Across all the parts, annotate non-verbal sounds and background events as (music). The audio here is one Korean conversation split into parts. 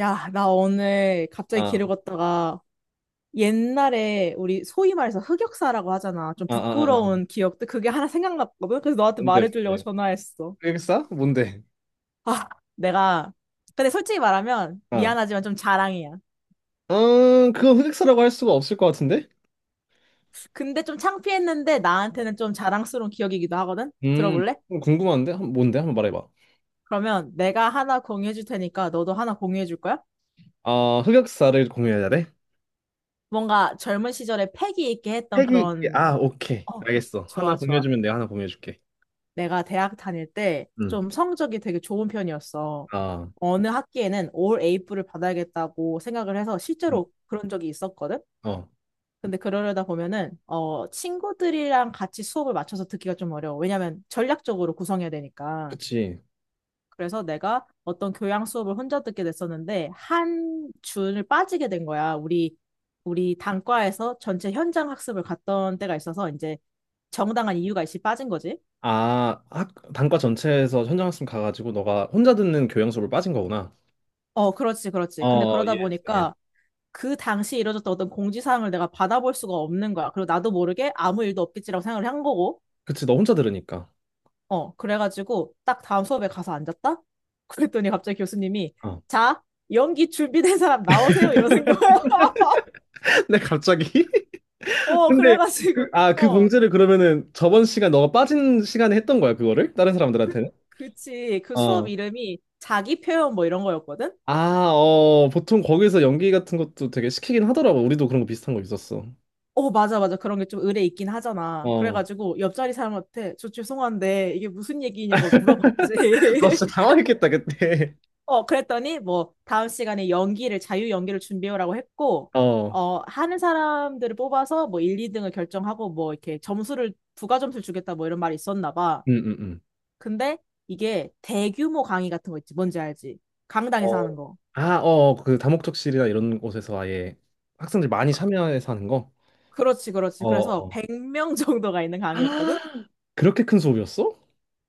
야, 나 오늘 갑자기 길을 아, 걷다가 옛날에 우리 소위 말해서 흑역사라고 하잖아. 좀 아, 아, 아, 부끄러운 아. 기억들 그게 하나 생각났거든. 그래서 너한테 뭔데, 말해주려고 뭔데? 전화했어. 흑역사? 뭔데? 아, 내가 근데 솔직히 말하면 아, 미안하지만 좀 자랑이야. 아, 그건 흑역사라고 할 수가 없을 것 같은데? 근데 좀 창피했는데 나한테는 좀 자랑스러운 기억이기도 하거든. 음, 들어볼래? 좀 궁금한데? 뭔데? 한번 말해봐. 그러면 내가 하나 공유해줄 테니까 너도 하나 공유해줄 거야? 아, 흑역사를 공유해야 돼? 뭔가 젊은 시절에 패기 있게 했던 그런 아, 오케이. 어, 알겠어. 하나 좋아, 좋아. 공유해주면 내가 하나 공유해줄게. 내가 대학 다닐 때 음. 좀 성적이 되게 좋은 편이었어. 아, 어느 학기에는 올 A뿔을 받아야겠다고 생각을 해서 음, 실제로 그런 적이 있었거든. 어, 근데 그러려다 보면은 친구들이랑 같이 수업을 맞춰서 듣기가 좀 어려워. 왜냐면 전략적으로 구성해야 되니까. 그치. 그래서 내가 어떤 교양 수업을 혼자 듣게 됐었는데 한 준을 빠지게 된 거야. 우리 단과에서 전체 현장 학습을 갔던 때가 있어서 이제 정당한 이유가 있이 빠진 거지. 아, 단과 전체에서 현장학습 가가지고 너가 혼자 듣는 교양 수업을 빠진 거구나. 어, 그렇지, 그렇지. 근데 어, 그러다 예스, 예스. 보니까 그 당시에 이뤄졌던 어떤 공지사항을 내가 받아볼 수가 없는 거야. 그리고 나도 모르게 아무 일도 없겠지라고 생각을 한 거고, 그치, 너 혼자 들으니까. 어, 그래가지고 딱 다음 수업에 가서 앉았다? (laughs) 그랬더니 갑자기 교수님이, 어. 자, 연기 준비된 사람 나오세요. 이러는 거야. (laughs) (laughs) 근데 갑자기? 어, 근데 그, 그래가지고, 아, 그 어, 공지를 그러면은 저번 시간 너가 빠진 시간에 했던 거야, 그거를? 다른 그, 사람들한테는? 그치. 그 수업 어. 이름이 자기 표현 뭐 이런 거였거든? 아, 어, 보통 거기서 연기 같은 것도 되게 시키긴 하더라고. 우리도 그런 거 비슷한 거 있었어. 어, 맞아, 맞아. 그런 게 좀 의례 있긴 하잖아. 어. 그래가지고 옆자리 사람한테 저 죄송한데 이게 무슨 얘기냐고 물어봤지. (laughs) 너 진짜 (laughs) 당황했겠다, 그때. 어, 그랬더니 뭐 다음 시간에 연기를 자유 연기를 준비해오라고 했고 (laughs) 어. 어, 하는 사람들을 뽑아서 뭐 1, 2등을 결정하고 뭐 이렇게 점수를 부가 점수를 주겠다 뭐 이런 말이 있었나 봐. 음, 음, 음. 근데 이게 대규모 강의 같은 거 있지. 뭔지 알지? 강당에서 어. 하는 거. 아, 어, 그 다목적실이나 이런 곳에서 아예 학생들 많이 참여해서 하는 거? 그렇지, 그렇지. 어. 그래서 어. 100명 (laughs) 정도가 있는 (gasps) 아, 강의였거든. 그렇게 큰 수업이었어?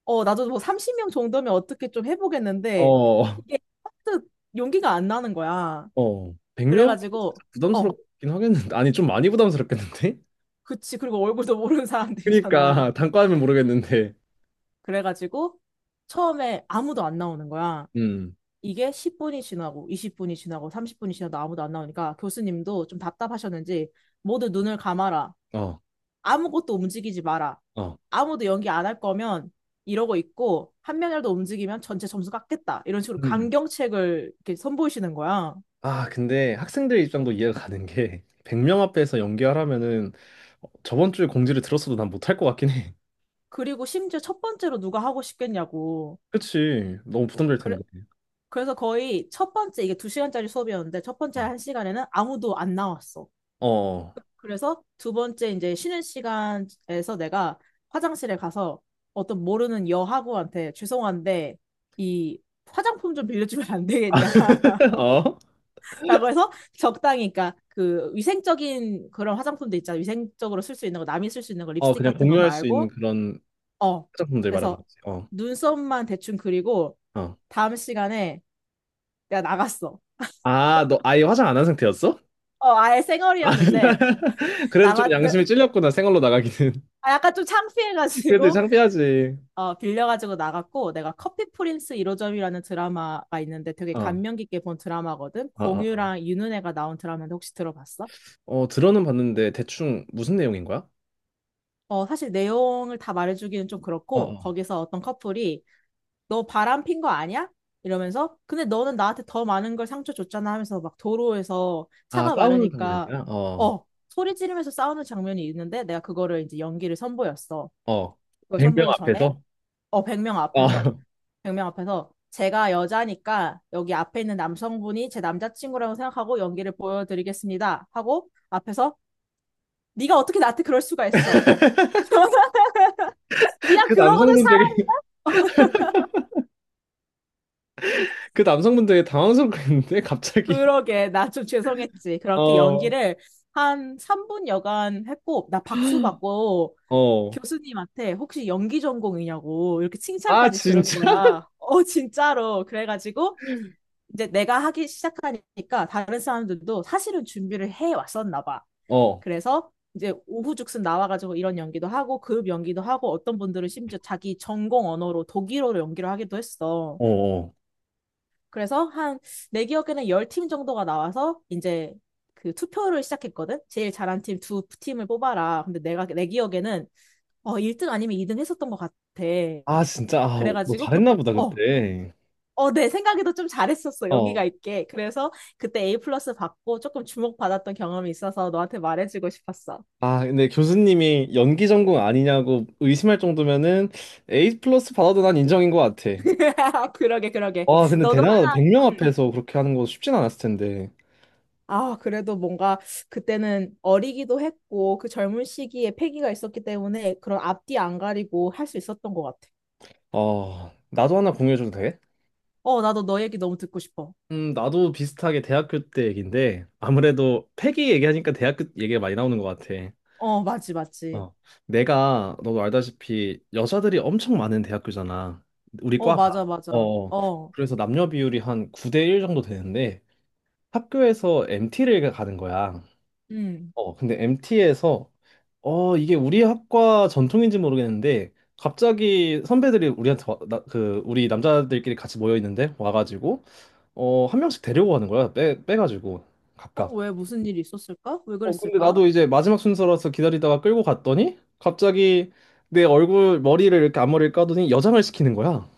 어, 나도 뭐 30명 정도면 어떻게 좀 해보겠는데 어. 이게 하도 용기가 안 나는 거야. 어. 100명? 그래가지고 어, 부담스럽긴 하겠는데. 아니, 좀 많이 부담스럽겠는데? 그치. 그리고 얼굴도 모르는 사람들이잖아. 그니까 (laughs) 단과하면 모르겠는데. 그래가지고 처음에 아무도 안 나오는 거야. 음, 이게 10분이 지나고 20분이 지나고 30분이 지나도 아무도 안 나오니까 교수님도 좀 답답하셨는지 모두 눈을 감아라. 어, 아무것도 움직이지 마라. 어. 아무도 연기 안 할 거면 이러고 있고 한 명이라도 움직이면 전체 점수 깎겠다. 이런 식으로 음. 강경책을 이렇게 선보이시는 거야. 아, 근데 학생들 입장도 이해가 가는 게 (laughs) 100명 앞에서 연기하라면은 저번 주에 공지를 들었어도 난 못할 것 같긴 해. 그리고 심지어 첫 번째로 누가 하고 싶겠냐고. (laughs) 그치. 너무 부담될 그래, 텐데. 그래서 거의 첫 번째 이게 두시간짜리 수업이었는데 첫 번째 어. 한 시간에는 아무도 안 나왔어. 어. 그래서 두 번째 이제 쉬는 시간에서 내가 화장실에 가서 어떤 모르는 여하구한테 죄송한데 이 화장품 좀 빌려주면 안 되겠냐 (laughs) (laughs) 어? 라고 해서 적당히 그러니까 그 위생적인 그런 화장품도 있잖아 위생적으로 쓸 수 있는 거 남이 쓸 수 있는 거 어, 립스틱 그냥 같은 거 공유할 수 있는 말고 그런 어 화장품들 말하는 그래서 거지. 어. 눈썹만 대충 그리고 어. 다음 시간에 내가 나갔어. 아, 너 아예 화장 안 한 상태였어? 아예 생얼이 아, 었는데 (laughs) 그래도 좀 남았 양심이 찔렸구나. 생얼로 나가기는. 아 약간 좀 (laughs) 그래도 창피해가지고 창피하지. 어, 빌려가지고 나갔고 내가 커피 프린스 1호점이라는 드라마가 있는데 되게 어. 감명 깊게 본 드라마거든. 아, 아. 아. 공유랑 윤은혜가 나온 드라마인데 혹시 들어봤어? 어, 들어는 봤는데 대충 무슨 내용인 거야? 어, 사실 내용을 다 말해주기는 좀 어, 그렇고 어. 거기서 어떤 커플이 너 바람 핀 거 아니야? 이러면서 근데 너는 나한테 더 많은 걸 상처 줬잖아 하면서 막 도로에서 아, 차가 싸우는 많으니까 장면이야? 어, 어 소리 지르면서 싸우는 장면이 있는데 내가 그거를 이제 연기를 선보였어. 어. 그걸 100명 선보이기 전에 앞에서? 어, 100명 앞에서. 어. 100명 앞에서 제가 여자니까 여기 앞에 있는 남성분이 제 남자친구라고 생각하고 연기를 보여드리겠습니다. 하고 앞에서 네가 어떻게 나한테 그럴 수가 있어. (laughs) (laughs) 네가 그 그러거든 남성분 되게, 사람. (laughs) 그 남성분 되게 당황스럽겠는데, 갑자기. 그러게 나 좀 죄송했지. 그렇게 어, 연기를 한 3분 여간 했고 나 박수 받고 어. 교수님한테 혹시 연기 전공이냐고 이렇게 아, 칭찬까지 들은 진짜? (laughs) 거야. 진짜로. 그래가지고 이제 내가 하기 시작하니까 다른 사람들도 사실은 준비를 해 왔었나 봐. 어, 그래서 이제 오후죽순 나와가지고 이런 연기도 하고 그룹 연기도 하고 어떤 분들은 심지어 자기 전공 언어로 독일어로 연기를 하기도 했어. 어, 어. 그래서 한 내 기억에는 10팀 정도가 나와서 이제 그 투표를 시작했거든. 제일 잘한 팀 두 팀을 뽑아라. 근데 내가 내 기억에는 1등 아니면 2등 했었던 것 같아. 아, 진짜? 아, 너 그래가지고 그 잘했나 보다, 어 그때. 어, 내 생각에도 좀 잘했었어. 여기가 어. 있게. 그래서 그때 A 플러스 받고 조금 주목받았던 경험이 있어서 너한테 말해주고 싶었어. 아, 근데 교수님이 연기 전공 아니냐고 의심할 정도면은 A 플러스 받아도 난 인정인 것 같아. (laughs) 그러게, 그러게. 와, 근데 너도 대단하다. 하나, 100명 응. 앞에서 그렇게 하는 거 쉽진 않았을 텐데. 아, 그래도 뭔가 그때는 어리기도 했고 그 젊은 시기에 패기가 있었기 때문에 그런 앞뒤 안 가리고 할 수 있었던 것 같아. 어, 나도 하나 공유해줘도 돼? 어, 나도 너 얘기 너무 듣고 싶어. 나도 비슷하게 대학교 때 얘기인데, 아무래도 패기 얘기하니까 대학교 얘기가 많이 나오는 것 같아. 어, 맞지, 맞지. 어. 내가, 너도 알다시피, 여자들이 엄청 많은 대학교잖아. 우리 어, 과가. 맞아, 맞아. 어. 어. 어, 그래서 남녀 비율이 한 9대 1 정도 되는데, 학교에서 MT를 가는 거야. 음. 어, 근데 MT에서, 이게 우리 학과 전통인지 모르겠는데, 갑자기 선배들이 우리한테 와, 나, 그, 우리 남자들끼리 같이 모여 있는데, 와가지고, 한 명씩 데리고 가는 거야. 빼가지고, 어, 각각. 왜 무슨 일이 있었을까? 왜 어, 근데 그랬을까? 나도 이제 마지막 순서라서 기다리다가 끌고 갔더니, 갑자기 머리를 이렇게 앞머리를 까더니 여장을 시키는 거야.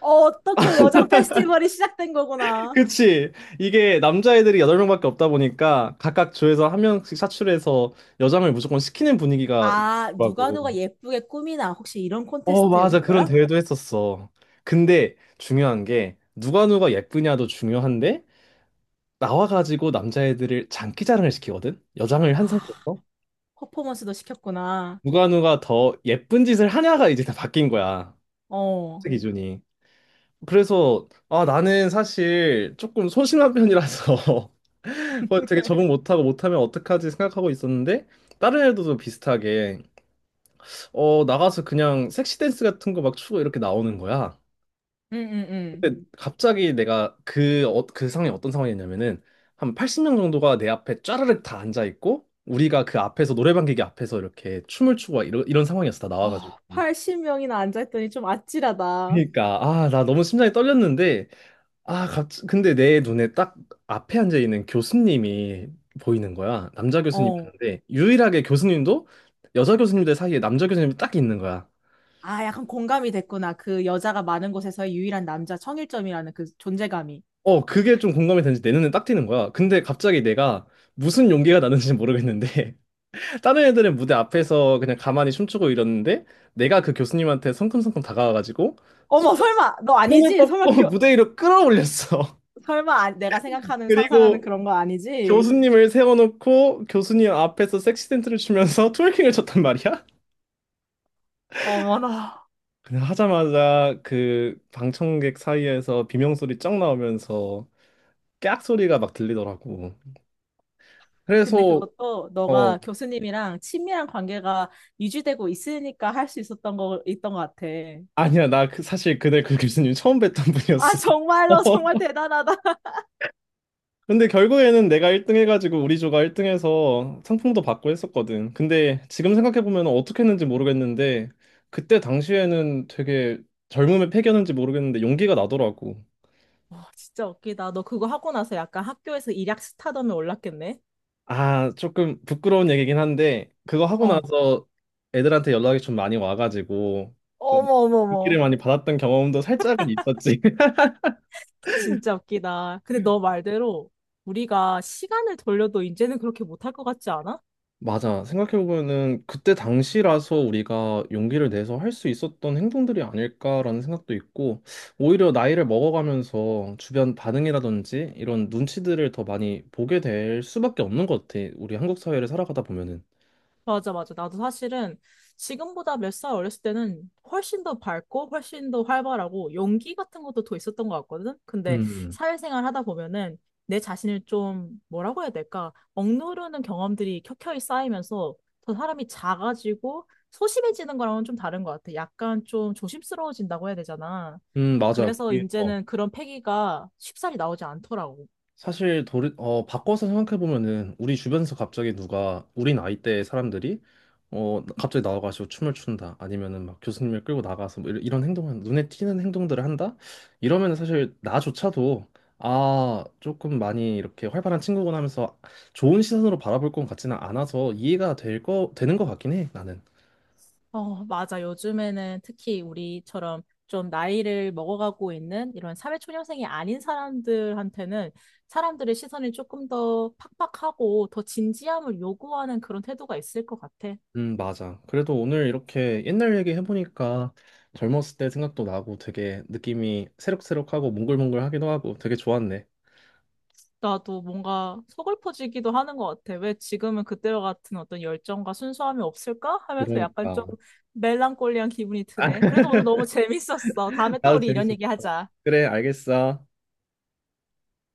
어, 어떻게 여장 페스티벌이 시작된 (laughs) 거구나. 그치. 이게 남자애들이 8명밖에 없다 보니까, 각각 조에서 한 명씩 사출해서 여장을 무조건 시키는 분위기가 아, 누가 있더라고. 누가 예쁘게 꾸미나. 혹시 이런 어, 맞아. 콘테스트였던 그런 거야? 대회도 했었어. 근데 중요한 게, 누가 누가 예쁘냐도 중요한데, 나와가지고 남자애들을 장기자랑을 시키거든? 여장을 한 아, 상태에서. 퍼포먼스도 시켰구나. 누가 누가 더 예쁜 짓을 하냐가 이제 다 바뀐 거야. 어, 그 기준이. 그래서, 아, 나는 사실 조금 소심한 편이라서 (laughs) 그 되게 적응 (laughs) 못하고 못하면 어떡하지 생각하고 있었는데, 다른 애들도 비슷하게 나가서 그냥 섹시 댄스 같은 거 막 추고 이렇게 나오는 거야. 응, 응, 응. 근데 갑자기 내가 그 상황이 어떤 상황이었냐면은 한 80명 정도가 내 앞에 쫘르륵 다 앉아 있고, 우리가 그 앞에서 노래방 기계 앞에서 이렇게 춤을 추고 막 이런 상황이었어, 다 나와가지고. 어, 80명이나 앉아있더니 좀 아찔하다. 그러니까, 아, 나 너무 심장이 떨렸는데, 아, 갑 근데 내 눈에 딱 앞에 앉아 있는 교수님이 보이는 거야. 남자 어. 교수님이었는데, 유일하게 교수님도 여자 교수님들 사이에 남자 교수님이 딱 있는 거야. 아, 약간 공감이 됐구나. 그 여자가 많은 곳에서의 유일한 남자 청일점이라는 그 존재감이. 그게 좀 공감이 되는지 내 눈에 딱 띄는 거야. 근데 갑자기 내가 무슨 용기가 나는지 모르겠는데, (laughs) 다른 애들은 무대 앞에서 그냥 가만히 춤추고 이러는데, 내가 그 교수님한테 성큼성큼 다가와가지고 어머, 손- 설마, 너 손을 아니지? 설마, 뻗고 (laughs) 교, 무대 위로 끌어올렸어. 설마, 아- 내가 (laughs) 생각하는, 상상하는 그리고 그런 거 아니지? 교수님을 세워놓고 교수님 앞에서 섹시 댄스를 추면서 (laughs) 트월킹을 쳤단 말이야? 어머나. 그냥 하자마자 그 방청객 사이에서 비명소리 쫙 나오면서 깨악 소리가 막 들리더라고. 근데 그래서, 그것도 어 너가 교수님이랑 친밀한 관계가 유지되고 있으니까 할 수 있었던 거 있던 것 같아. 아니야, 나 사실 그날 그 교수님 처음 뵀던 아 분이었어. 정말로 (laughs) 정말 (laughs) 대단하다. 근데 결국에는 내가 1등 해가지고 우리 조가 1등 해서 상품도 받고 했었거든. 근데 지금 생각해보면 어떻게 했는지 모르겠는데, 그때 당시에는 되게 젊음에 패겼는지 모르겠는데 용기가 나더라고. 와, 진짜 웃기다. 너 그거 하고 나서 약간 학교에서 일약 스타덤에 올랐겠네? 아, 조금 부끄러운 얘기긴 한데, 그거 하고 어. 나서 애들한테 연락이 좀 많이 와가지고, 좀 어머, 어머, 인기를 어머. 많이 받았던 경험도 살짝은 있었지. (laughs) 진짜 웃기다. 근데 너 말대로 우리가 시간을 돌려도 이제는 그렇게 못할 것 같지 않아? 맞아. 생각해보면은 그때 당시라서 우리가 용기를 내서 할 수 있었던 행동들이 아닐까라는 생각도 있고, 오히려 나이를 먹어가면서 주변 반응이라든지 이런 눈치들을 더 많이 보게 될 수밖에 없는 것 같아. 우리 한국 사회를 살아가다 보면은. 맞아, 맞아. 나도 사실은 지금보다 몇 살 어렸을 때는 훨씬 더 밝고 훨씬 더 활발하고 용기 같은 것도 더 있었던 것 같거든. 근데 음, 사회생활 하다 보면은 내 자신을 좀 뭐라고 해야 될까? 억누르는 경험들이 켜켜이 쌓이면서 더 사람이 작아지고 소심해지는 거랑은 좀 다른 것 같아. 약간 좀 조심스러워진다고 해야 되잖아. 맞아. 그래서 그게, 어. 이제는 그런 패기가 쉽사리 나오지 않더라고. 사실 바꿔서 생각해보면은 우리 주변에서 갑자기 누가 우리 나이대의 사람들이 갑자기 나와가지고 춤을 춘다 아니면은 막 교수님을 끌고 나가서 뭐 이런 행동을, 눈에 띄는 행동들을 한다 이러면은, 사실 나조차도, 아, 조금 많이 이렇게 활발한 친구구나 하면서 좋은 시선으로 바라볼 것 같지는 않아서 이해가 될 거 되는 것 같긴 해, 나는. 어, 맞아. 요즘에는 특히 우리처럼 좀 나이를 먹어가고 있는 이런 사회초년생이 아닌 사람들한테는 사람들의 시선이 조금 더 팍팍하고 더 진지함을 요구하는 그런 태도가 있을 것 같아. 맞아. 그래도 오늘 이렇게 옛날 얘기 해보니까 젊었을 때 생각도 나고 되게 느낌이 새록새록하고 몽글몽글하기도 하고 되게 좋았네. 나도 뭔가 서글퍼지기도 하는 것 같아. 왜 지금은 그때와 같은 어떤 열정과 순수함이 없을까? 하면서 약간 그러니까. 좀 멜랑콜리한 기분이 드네. 그래도 (laughs) 오늘 너무 (laughs) 재밌었어. 다음에 또 나도 우리 이런 재밌었어. 얘기 하자. 그래, 알겠어.